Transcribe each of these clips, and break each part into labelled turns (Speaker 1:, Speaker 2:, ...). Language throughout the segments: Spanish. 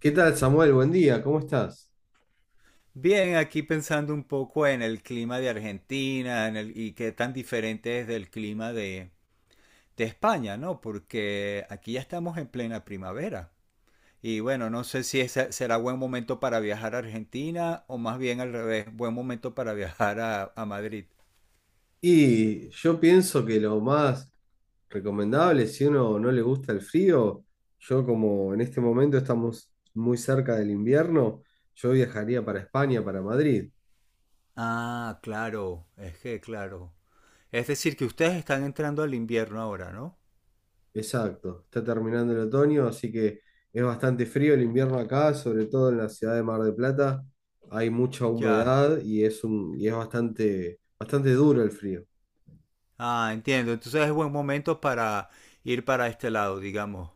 Speaker 1: ¿Qué tal, Samuel? Buen día, ¿cómo estás?
Speaker 2: Bien, aquí pensando un poco en el clima de Argentina y qué tan diferente es del clima de España, ¿no? Porque aquí ya estamos en plena primavera. Y bueno, no sé si ese será buen momento para viajar a Argentina o más bien al revés, buen momento para viajar a Madrid.
Speaker 1: Y yo pienso que lo más recomendable, si uno no le gusta el frío, yo como en este momento estamos muy cerca del invierno, yo viajaría para España, para Madrid.
Speaker 2: Ah, claro, es que claro. Es decir, que ustedes están entrando al invierno ahora, ¿no?
Speaker 1: Exacto, está terminando el otoño, así que es bastante frío el invierno acá, sobre todo en la ciudad de Mar del Plata. Hay mucha
Speaker 2: Ya.
Speaker 1: humedad y es bastante, bastante duro el frío.
Speaker 2: Ah, entiendo. Entonces es buen momento para ir para este lado, digamos,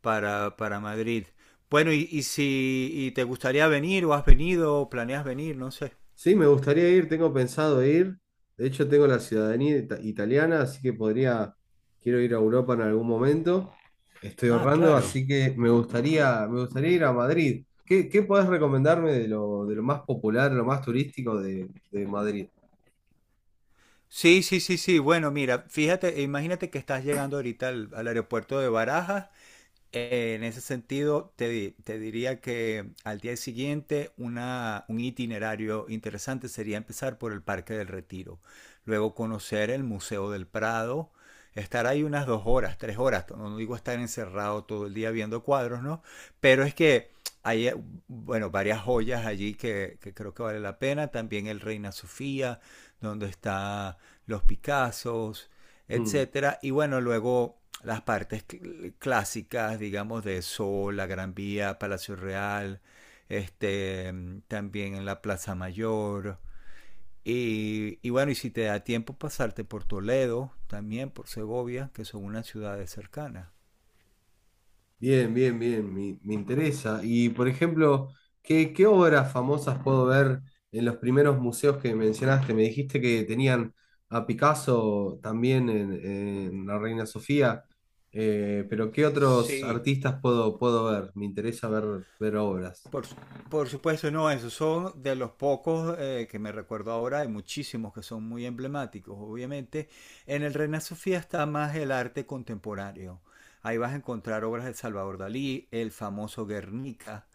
Speaker 2: para Madrid. Bueno, y si y te gustaría venir o has venido o planeas venir, no sé.
Speaker 1: Sí, me gustaría ir, tengo pensado ir. De hecho, tengo la ciudadanía italiana, así que podría, quiero ir a Europa en algún momento. Estoy
Speaker 2: Ah,
Speaker 1: ahorrando,
Speaker 2: claro.
Speaker 1: así que me gustaría ir a Madrid. ¿Qué podés recomendarme de lo más popular, lo más turístico de Madrid?
Speaker 2: Sí, sí, sí, sí. Bueno, mira, fíjate, imagínate que estás llegando ahorita al aeropuerto de Barajas. En ese sentido, te diría que al día siguiente un itinerario interesante sería empezar por el Parque del Retiro, luego conocer el Museo del Prado, estar ahí unas 2 horas, 3 horas. No digo estar encerrado todo el día viendo cuadros, ¿no? Pero es que hay, bueno, varias joyas allí que creo que vale la pena, también el Reina Sofía, donde están los Picassos,
Speaker 1: Mm.
Speaker 2: etcétera. Y bueno, luego las partes clásicas, digamos, de Sol, la Gran Vía, Palacio Real, este, también en la Plaza Mayor. Y bueno, y si te da tiempo pasarte por Toledo, también por Segovia, que son unas ciudades cercanas.
Speaker 1: Bien, me interesa. Y por ejemplo, ¿qué obras famosas puedo ver en los primeros museos que mencionaste. Me dijiste que tenían a Picasso también en la Reina Sofía, pero ¿qué otros
Speaker 2: Sí,
Speaker 1: artistas puedo ver? Me interesa ver, ver obras.
Speaker 2: Por, su- por supuesto, no, esos son de los pocos que me recuerdo ahora, hay muchísimos que son muy emblemáticos, obviamente. En el Reina Sofía está más el arte contemporáneo. Ahí vas a encontrar obras de Salvador Dalí, el famoso Guernica,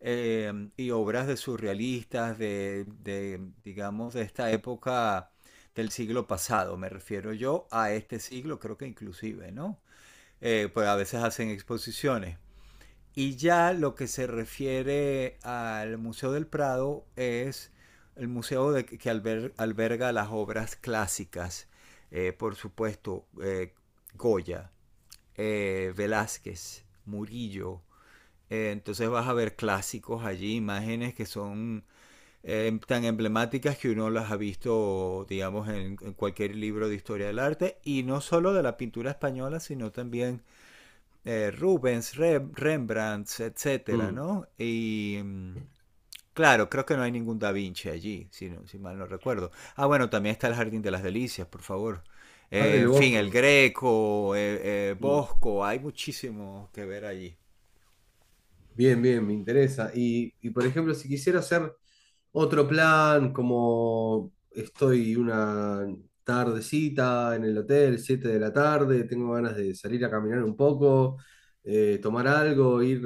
Speaker 2: y obras de surrealistas de, digamos, de esta época del siglo pasado, me refiero yo a este siglo, creo que inclusive, ¿no? Pues a veces hacen exposiciones. Y ya lo que se refiere al Museo del Prado es el museo que alberga las obras clásicas, por supuesto, Goya, Velázquez, Murillo. Entonces vas a ver clásicos allí, imágenes que son tan emblemáticas que uno las ha visto, digamos, en, cualquier libro de historia del arte, y no solo de la pintura española, sino también Rubens, Rembrandt, etcétera,
Speaker 1: Mm.
Speaker 2: ¿no? Y claro, creo que no hay ningún Da Vinci allí, si mal no recuerdo. Ah, bueno, también está el Jardín de las Delicias, por favor.
Speaker 1: Ah, del
Speaker 2: En fin, el
Speaker 1: Bosco.
Speaker 2: Greco,
Speaker 1: Mm.
Speaker 2: Bosco, hay muchísimo que ver allí.
Speaker 1: Me interesa. Y por ejemplo, si quisiera hacer otro plan, como estoy una tardecita en el hotel, 7 de la tarde, tengo ganas de salir a caminar un poco, tomar algo, ir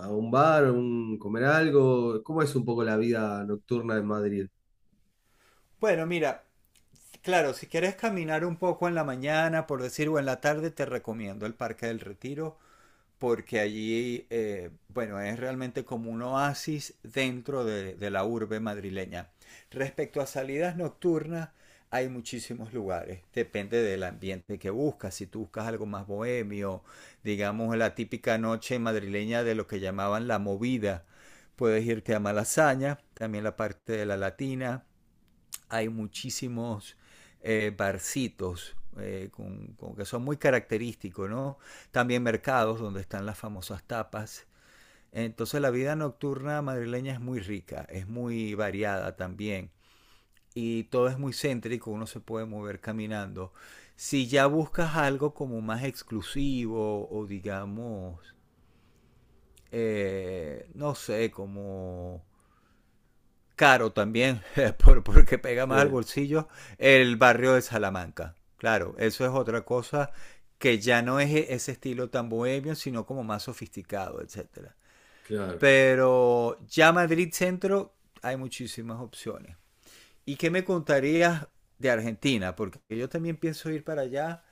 Speaker 1: a un bar, comer algo. ¿Cómo es un poco la vida nocturna en Madrid?
Speaker 2: Bueno, mira, claro, si quieres caminar un poco en la mañana, por decir, o en la tarde, te recomiendo el Parque del Retiro, porque allí, bueno, es realmente como un oasis dentro de la urbe madrileña. Respecto a salidas nocturnas, hay muchísimos lugares, depende del ambiente que buscas. Si tú buscas algo más bohemio, digamos la típica noche madrileña de lo que llamaban la movida, puedes irte a Malasaña, también la parte de la latina, hay muchísimos barcitos con que son muy característicos, ¿no? También mercados donde están las famosas tapas. Entonces la vida nocturna madrileña es muy rica, es muy variada también y todo es muy céntrico, uno se puede mover caminando. Si ya buscas algo como más exclusivo o digamos, no sé, como caro también, porque pega más al
Speaker 1: Sí,
Speaker 2: bolsillo, el barrio de Salamanca. Claro, eso es otra cosa que ya no es ese estilo tan bohemio, sino como más sofisticado, etcétera.
Speaker 1: claro.
Speaker 2: Pero ya Madrid Centro hay muchísimas opciones. ¿Y qué me contarías de Argentina? Porque yo también pienso ir para allá,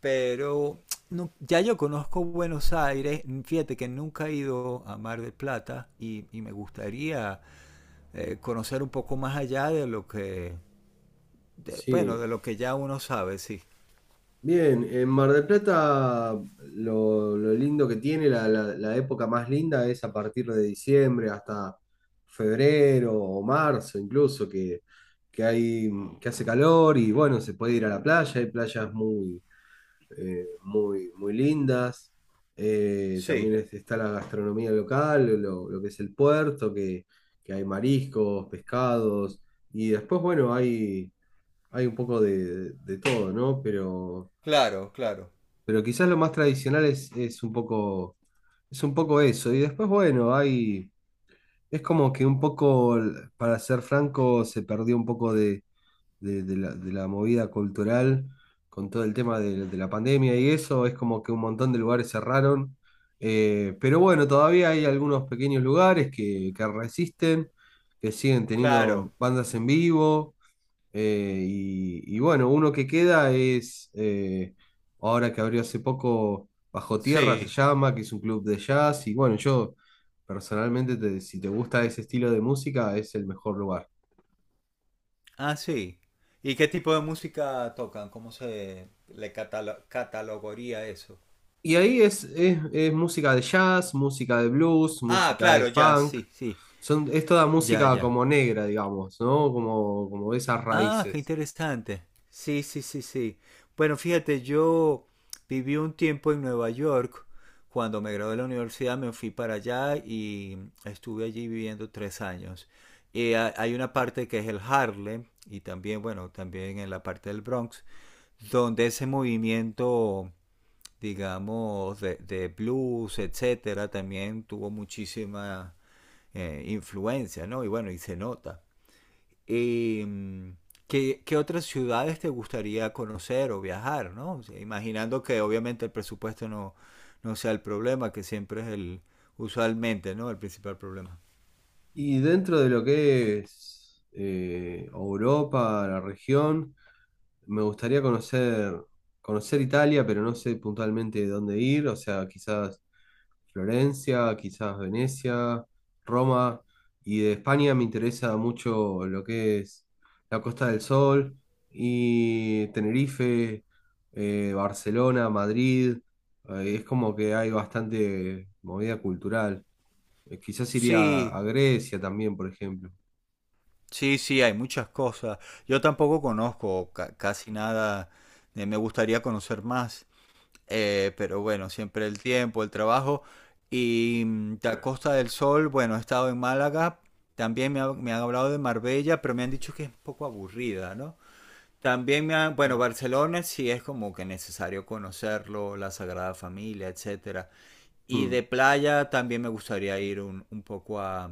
Speaker 2: pero ya yo conozco Buenos Aires. Fíjate que nunca he ido a Mar del Plata y me gustaría conocer un poco más allá de lo que, bueno,
Speaker 1: Sí.
Speaker 2: de lo que ya uno sabe, sí.
Speaker 1: Bien, en Mar del Plata lo lindo que tiene, la época más linda es a partir de diciembre hasta febrero o marzo incluso, que hay, que hace calor y bueno, se puede ir a la playa, hay playas muy, muy lindas. También
Speaker 2: Sí,
Speaker 1: está la gastronomía local, lo que es el puerto, que hay mariscos, pescados y después, bueno, hay un poco de todo, ¿no?
Speaker 2: claro, claro,
Speaker 1: Pero quizás lo más tradicional es un poco eso. Y después, bueno, hay, es como que un poco, para ser franco, se perdió un poco de la movida cultural con todo el tema de la pandemia y eso. Es como que un montón de lugares cerraron. Pero bueno, todavía hay algunos pequeños lugares que resisten, que siguen
Speaker 2: claro,
Speaker 1: teniendo bandas en vivo. Y bueno, uno que queda ahora que abrió hace poco, Bajo Tierra se
Speaker 2: sí.
Speaker 1: llama, que es un club de jazz. Y bueno, yo personalmente, si te gusta ese estilo de música, es el mejor lugar.
Speaker 2: Ah, sí. ¿Y qué tipo de música tocan? ¿Cómo se le catalogaría eso?
Speaker 1: Y ahí es música de jazz, música de blues,
Speaker 2: Ah,
Speaker 1: música de
Speaker 2: claro, ya,
Speaker 1: funk.
Speaker 2: sí. Sí,
Speaker 1: Es toda
Speaker 2: ya,
Speaker 1: música
Speaker 2: ya.
Speaker 1: como negra, digamos, ¿no? Como, como esas
Speaker 2: Ah, qué
Speaker 1: raíces.
Speaker 2: interesante. Sí, sí, sí, sí. Bueno, fíjate, yo viví un tiempo en Nueva York. Cuando me gradué de la universidad me fui para allá y estuve allí viviendo 3 años. Y hay una parte que es el Harlem y también, bueno, también en la parte del Bronx, donde ese movimiento, digamos, de blues, etcétera, también tuvo muchísima influencia, ¿no? Y bueno, y se nota. Eh, ¿Qué otras ciudades te gustaría conocer o viajar, ¿no? O sea, imaginando que obviamente el presupuesto no sea el problema, que siempre es el, usualmente, ¿no? El principal problema.
Speaker 1: Y dentro de lo que es Europa, la región. Me gustaría conocer Italia, pero no sé puntualmente dónde ir. O sea, quizás Florencia, quizás Venecia, Roma. Y de España me interesa mucho lo que es la Costa del Sol y Tenerife, Barcelona, Madrid. Es como que hay bastante movida cultural. Quizás iría
Speaker 2: Sí,
Speaker 1: a Grecia también, por ejemplo.
Speaker 2: sí, sí, hay muchas cosas. Yo tampoco conozco casi nada. Me gustaría conocer más. Pero bueno, siempre el tiempo, el trabajo. Y de a Costa del Sol, bueno, he estado en Málaga, también me han hablado de Marbella, pero me han dicho que es un poco aburrida, ¿no? También me han, bueno,
Speaker 1: Mm,
Speaker 2: Barcelona sí es como que necesario conocerlo, la Sagrada Familia, etcétera. Y
Speaker 1: mm,
Speaker 2: de playa también me gustaría ir un poco a,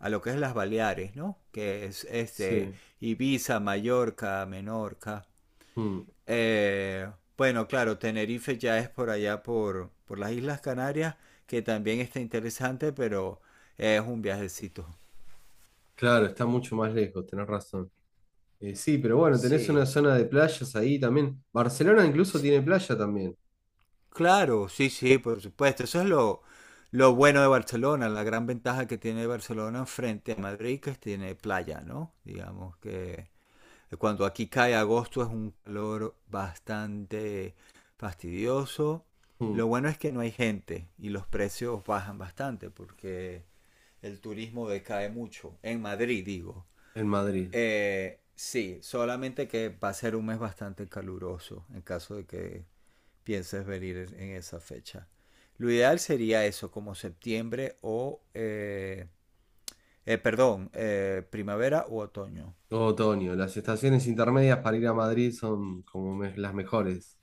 Speaker 2: a lo que es las Baleares, ¿no? Que es este
Speaker 1: sí,
Speaker 2: Ibiza, Mallorca, Menorca.
Speaker 1: mm.
Speaker 2: Eh, bueno, claro, Tenerife ya es por allá por las Islas Canarias, que también está interesante, pero es un viajecito.
Speaker 1: Claro, está mucho más lejos, tenés razón. Sí, pero bueno, tenés una
Speaker 2: Sí.
Speaker 1: zona de playas ahí también. Barcelona incluso
Speaker 2: S-
Speaker 1: tiene playa también,
Speaker 2: Claro, sí, sí, por supuesto. Eso es lo bueno de Barcelona, la gran ventaja que tiene Barcelona frente a Madrid, que tiene playa, ¿no? Digamos que cuando aquí cae agosto es un calor bastante fastidioso.
Speaker 1: mm,
Speaker 2: Lo bueno es que no hay gente y los precios bajan bastante porque el turismo decae mucho. En Madrid, digo.
Speaker 1: en Madrid.
Speaker 2: Sí, solamente que va a ser un mes bastante caluroso en caso de que pienses venir en esa fecha. Lo ideal sería eso, como septiembre o, perdón, primavera u otoño.
Speaker 1: Todo otoño. Las estaciones intermedias para ir a Madrid son como las mejores.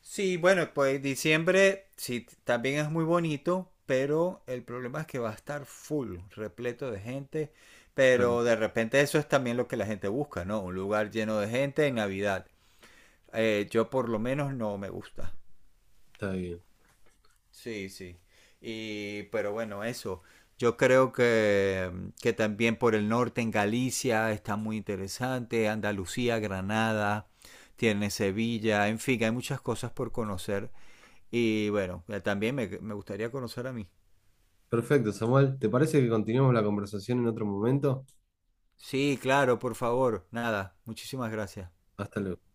Speaker 2: Sí, bueno, pues diciembre sí, también es muy bonito, pero el problema es que va a estar full, repleto de gente,
Speaker 1: Claro,
Speaker 2: pero de repente eso es también lo que la gente busca, ¿no? Un lugar lleno de gente en Navidad. Yo por lo menos no me gusta.
Speaker 1: está bien.
Speaker 2: Sí, sí. Y, pero bueno, eso. Yo creo que también por el norte en Galicia está muy interesante, Andalucía, Granada, tiene Sevilla, en fin, hay muchas cosas por conocer y bueno, también me gustaría conocer a mí.
Speaker 1: Perfecto, Samuel. ¿Te parece que continuemos la conversación en otro momento?
Speaker 2: Sí, claro, por favor. Nada, muchísimas gracias.
Speaker 1: Hasta luego.